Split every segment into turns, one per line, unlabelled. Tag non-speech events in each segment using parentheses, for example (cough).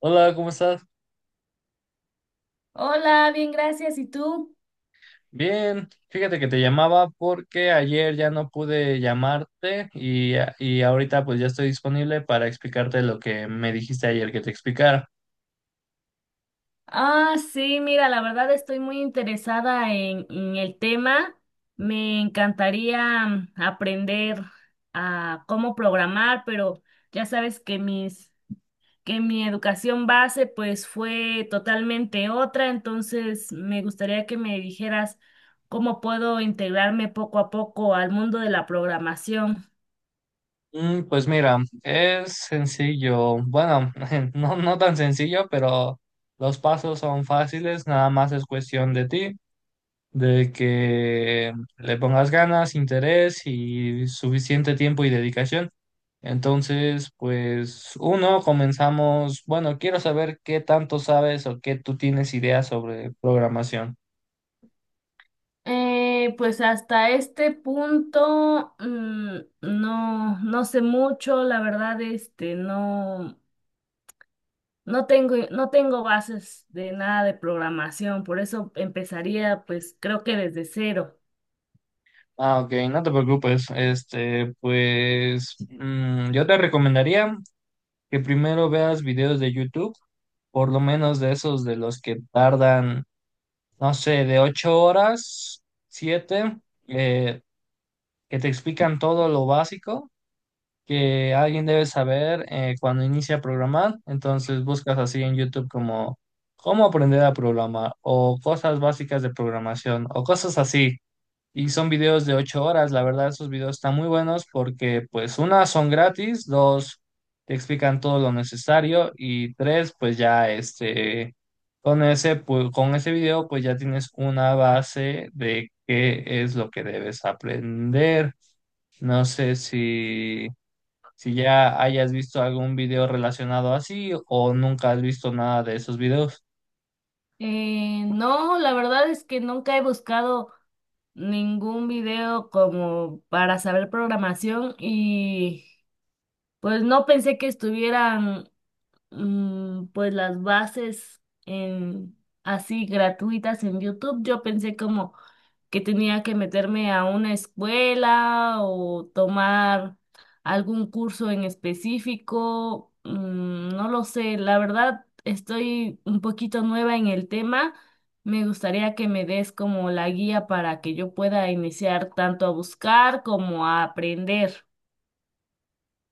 Hola, ¿cómo estás?
Hola, bien, gracias. ¿Y tú?
Bien, fíjate que te llamaba porque ayer ya no pude llamarte y ahorita pues ya estoy disponible para explicarte lo que me dijiste ayer que te explicara.
Ah, sí, mira, la verdad estoy muy interesada en el tema. Me encantaría aprender a cómo programar, pero ya sabes que que mi educación base pues fue totalmente otra, entonces me gustaría que me dijeras cómo puedo integrarme poco a poco al mundo de la programación.
Pues mira, es sencillo, bueno, (laughs) no, no tan sencillo, pero los pasos son fáciles, nada más es cuestión de ti, de que le pongas ganas, interés y suficiente tiempo y dedicación. Entonces, pues uno, comenzamos. Bueno, quiero saber qué tanto sabes o qué tú tienes ideas sobre programación.
Pues hasta este punto no, no sé mucho, la verdad, no, no tengo bases de nada de programación, por eso empezaría, pues creo que desde cero.
Ah, ok, no te preocupes. Este, pues yo te recomendaría que primero veas videos de YouTube, por lo menos de esos de los que tardan, no sé, de 8 horas, siete, eh, que te explican todo lo básico, que alguien debe saber cuando inicia a programar. Entonces buscas así en YouTube como cómo aprender a programar o cosas básicas de programación o cosas así. Y son videos de 8 horas. La verdad, esos videos están muy buenos porque pues una, son gratis; dos, te explican todo lo necesario; y tres, pues ya este... Con ese, pues, con ese video, pues ya tienes una base de qué es lo que debes aprender. No sé si ya hayas visto algún video relacionado así o nunca has visto nada de esos videos.
No, la verdad es que nunca he buscado ningún video como para saber programación y pues no pensé que estuvieran pues las bases así gratuitas en YouTube. Yo pensé como que tenía que meterme a una escuela o tomar algún curso en específico. No lo sé, la verdad estoy un poquito nueva en el tema. Me gustaría que me des como la guía para que yo pueda iniciar tanto a buscar como a aprender.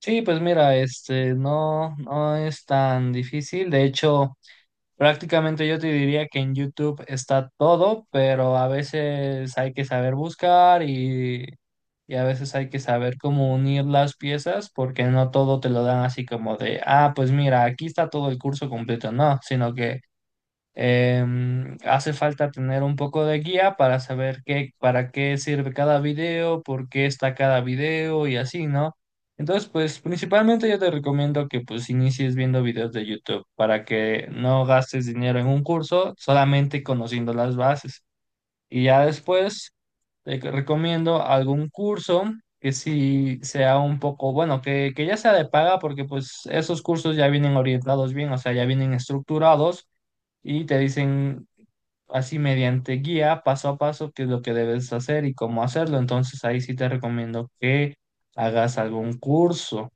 Sí, pues mira, este, no, no es tan difícil. De hecho, prácticamente yo te diría que en YouTube está todo, pero a veces hay que saber buscar y a veces hay que saber cómo unir las piezas porque no todo te lo dan así como de, ah, pues mira, aquí está todo el curso completo, no, sino que... Hace falta tener un poco de guía para saber qué, para qué sirve cada video, por qué está cada video y así, ¿no? Entonces, pues principalmente yo te recomiendo que pues inicies viendo videos de YouTube para que no gastes dinero en un curso, solamente conociendo las bases. Y ya después recomiendo algún curso que sí sea un poco, bueno, que ya sea de paga, porque pues esos cursos ya vienen orientados bien, o sea, ya vienen estructurados y te dicen así mediante guía, paso a paso, qué es lo que debes hacer y cómo hacerlo. Entonces ahí sí te recomiendo que hagas algún curso.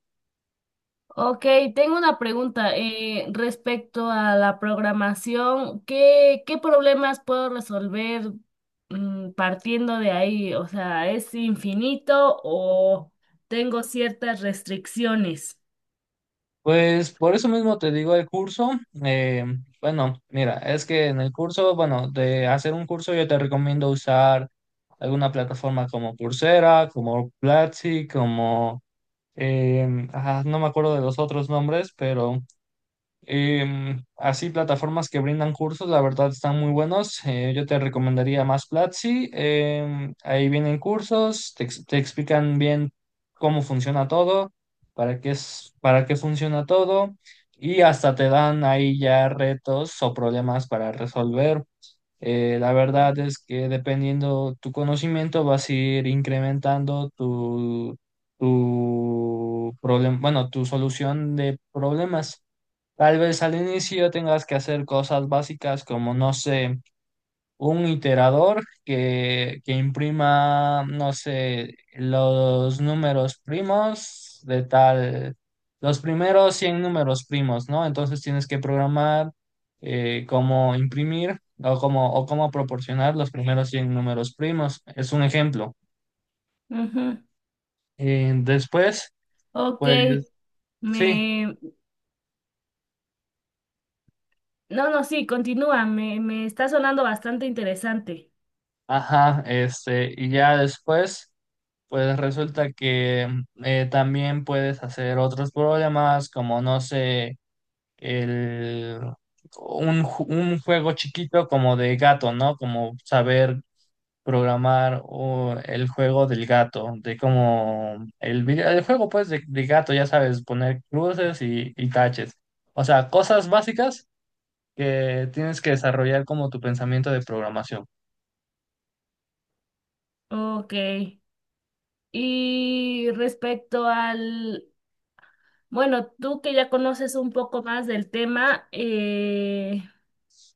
Ok, tengo una pregunta respecto a la programación. ¿Qué problemas puedo resolver partiendo de ahí? O sea, ¿es infinito o tengo ciertas restricciones?
Pues por eso mismo te digo el curso. eh, bueno, mira, es que en el curso, bueno, de hacer un curso yo te recomiendo usar alguna plataforma como Coursera, como Platzi, como, ajá, no me acuerdo de los otros nombres, pero... Así, plataformas que brindan cursos, la verdad están muy buenos. Yo te recomendaría más Platzi. Ahí vienen cursos, te explican bien cómo funciona todo, para qué es, para qué funciona todo, y hasta te dan ahí ya retos o problemas para resolver. La verdad es que dependiendo tu conocimiento vas a ir incrementando tu problema, bueno, tu solución de problemas. Tal vez al inicio tengas que hacer cosas básicas como, no sé, un iterador que imprima, no sé, los números primos de tal, los primeros 100 números primos, ¿no? Entonces tienes que programar cómo imprimir o cómo proporcionar los primeros 100 números primos. Es un ejemplo.
Ujú.
Después,
Ok,
pues sí,
me... No, no, sí, continúa, me está sonando bastante interesante.
ajá, este, y ya después... Pues resulta que también puedes hacer otros problemas como, no sé, el, un juego chiquito como de gato, ¿no? Como saber programar o el juego del gato, de como el juego pues de gato, ya sabes, poner cruces y taches. O sea, cosas básicas que tienes que desarrollar como tu pensamiento de programación.
Ok, y respecto al... Bueno, tú que ya conoces un poco más del tema,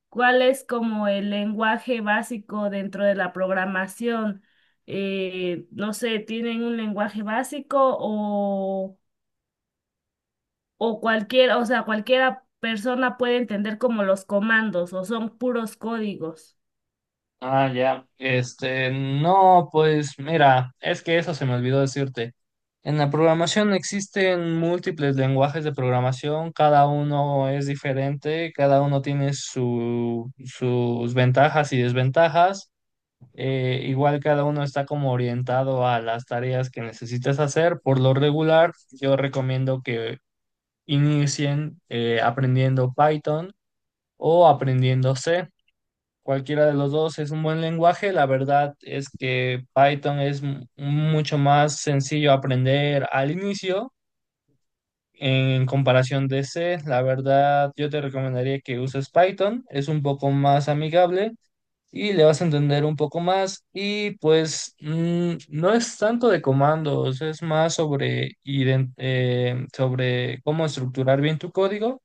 ¿Cuál es como el lenguaje básico dentro de la programación? No sé, ¿tienen un lenguaje básico o cualquier, o sea, cualquiera persona puede entender como los comandos o son puros códigos?
Ah, ya. Este, no, pues mira, es que eso se me olvidó decirte. En la programación existen múltiples lenguajes de programación, cada uno es diferente, cada uno tiene sus ventajas y desventajas. Igual cada uno está como orientado a las tareas que necesitas hacer. Por lo regular, yo recomiendo que inicien aprendiendo Python o aprendiendo C. Cualquiera de los dos es un buen lenguaje. La verdad es que Python es mucho más sencillo aprender al inicio en comparación de C. La verdad, yo te recomendaría que uses Python. Es un poco más amigable y le vas a entender un poco más. Y pues no es tanto de comandos, es más sobre cómo estructurar bien tu código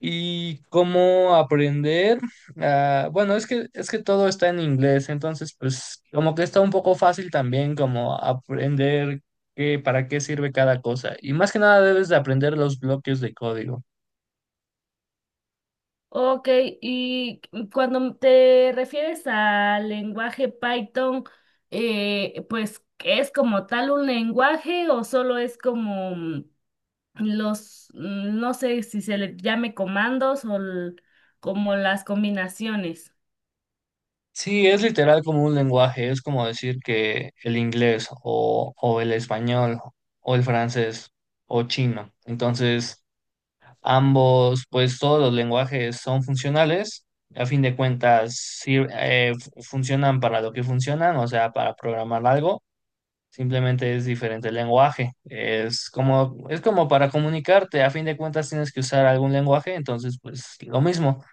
y cómo aprender. Ah, bueno, es que todo está en inglés, entonces pues como que está un poco fácil también como aprender qué, para qué sirve cada cosa. Y más que nada debes de aprender los bloques de código.
Ok, y cuando te refieres al lenguaje Python, pues ¿es como tal un lenguaje o solo es como... los, no sé si se le llame comandos o como las combinaciones.
Sí, es literal como un lenguaje, es como decir que el inglés o el español o el francés o chino. Entonces, ambos, pues todos los lenguajes son funcionales. A fin de cuentas, funcionan para lo que funcionan, o sea, para programar algo. Simplemente es diferente el lenguaje. Es como para comunicarte. A fin de cuentas, tienes que usar algún lenguaje, entonces, pues lo mismo.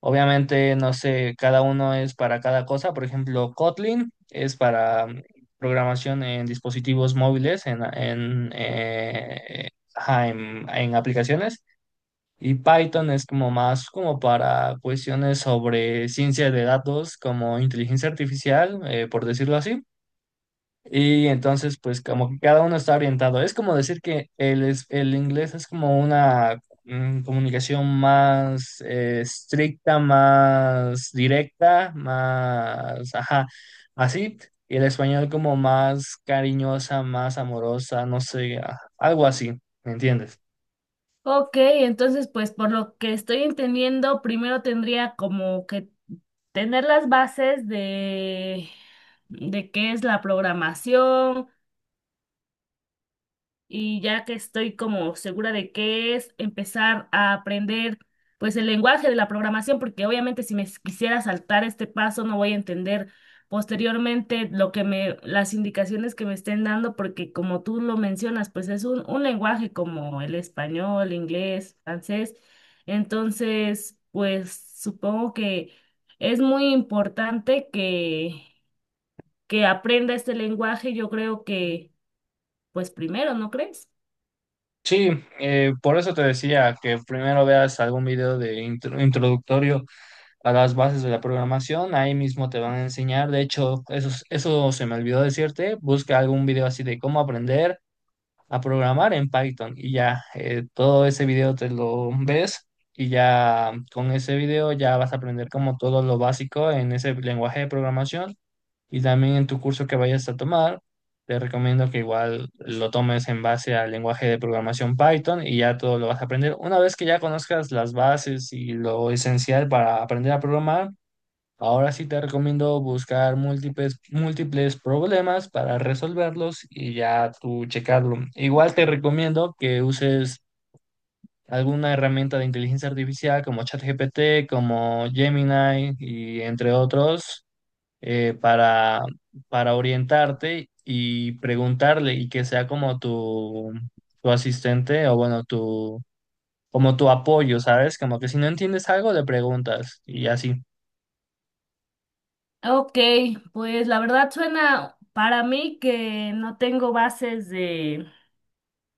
Obviamente, no sé, cada uno es para cada cosa. Por ejemplo, Kotlin es para programación en dispositivos móviles, ajá, en aplicaciones. Y Python es como más como para cuestiones sobre ciencia de datos, como inteligencia artificial, por decirlo así. Y entonces, pues como que cada uno está orientado. Es como decir que el, el inglés es como una comunicación más estricta, más directa, más, ajá, así. Y el español como más cariñosa, más amorosa, no sé, ah, algo así, ¿me entiendes?
Ok, entonces pues por lo que estoy entendiendo, primero tendría como que tener las bases de qué es la programación, y ya que estoy como segura de qué es, empezar a aprender pues el lenguaje de la programación, porque obviamente si me quisiera saltar este paso no voy a entender posteriormente lo las indicaciones que me estén dando, porque como tú lo mencionas, pues es un lenguaje como el español, inglés, francés. Entonces, pues supongo que es muy importante que aprenda este lenguaje, yo creo que, pues primero, ¿no crees?
Sí, por eso te decía que primero veas algún video de introductorio a las bases de la programación, ahí mismo te van a enseñar, de hecho, eso se me olvidó decirte, busca algún video así de cómo aprender a programar en Python y ya, todo ese video te lo ves y ya con ese video ya vas a aprender como todo lo básico en ese lenguaje de programación, y también en tu curso que vayas a tomar, te recomiendo que igual lo tomes en base al lenguaje de programación Python y ya todo lo vas a aprender. Una vez que ya conozcas las bases y lo esencial para aprender a programar, ahora sí te recomiendo buscar múltiples, múltiples problemas para resolverlos y ya tú checarlo. Igual te recomiendo que uses alguna herramienta de inteligencia artificial como ChatGPT, como Gemini y entre otros eh, para, para orientarte y preguntarle y que sea como tu asistente o bueno, como tu apoyo, ¿sabes? Como que si no entiendes algo, le preguntas y así.
Ok, pues la verdad suena para mí que no tengo bases de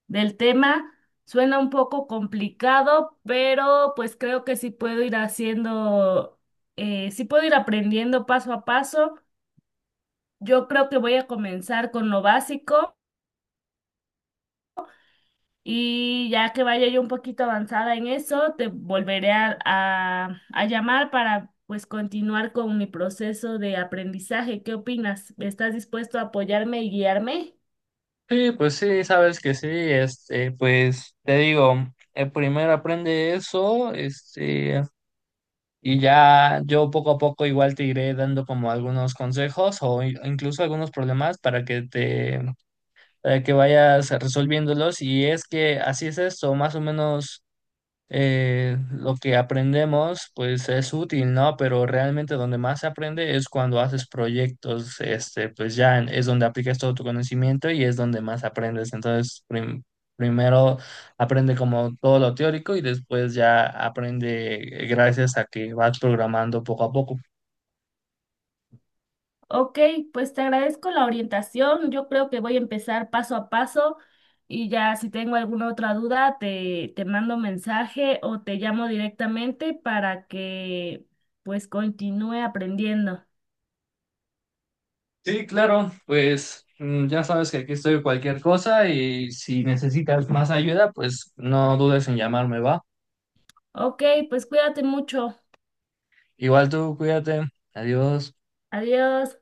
del tema, suena un poco complicado, pero pues creo que sí puedo ir haciendo, sí puedo ir aprendiendo paso a paso. Yo creo que voy a comenzar con lo básico y ya que vaya yo un poquito avanzada en eso, te volveré a llamar para pues continuar con mi proceso de aprendizaje. ¿Qué opinas? ¿Estás dispuesto a apoyarme y guiarme?
Sí, pues sí, sabes que sí, este, pues te digo, primero aprende eso, este, y ya yo poco a poco igual te iré dando como algunos consejos o incluso algunos problemas para que vayas resolviéndolos. Y es que así es esto, más o menos lo que aprendemos, pues es útil, ¿no? Pero realmente donde más se aprende es cuando haces proyectos, este, pues ya es donde aplicas todo tu conocimiento y es donde más aprendes. Entonces, primero aprende como todo lo teórico y después ya aprende gracias a que vas programando poco a poco.
Ok, pues te agradezco la orientación. Yo creo que voy a empezar paso a paso y ya si tengo alguna otra duda te mando mensaje o te llamo directamente para que pues continúe aprendiendo.
Sí, claro, pues ya sabes que aquí estoy cualquier cosa y si necesitas más ayuda, pues no dudes en llamarme, ¿va?
Ok, pues cuídate mucho.
Igual tú, cuídate. Adiós.
Adiós.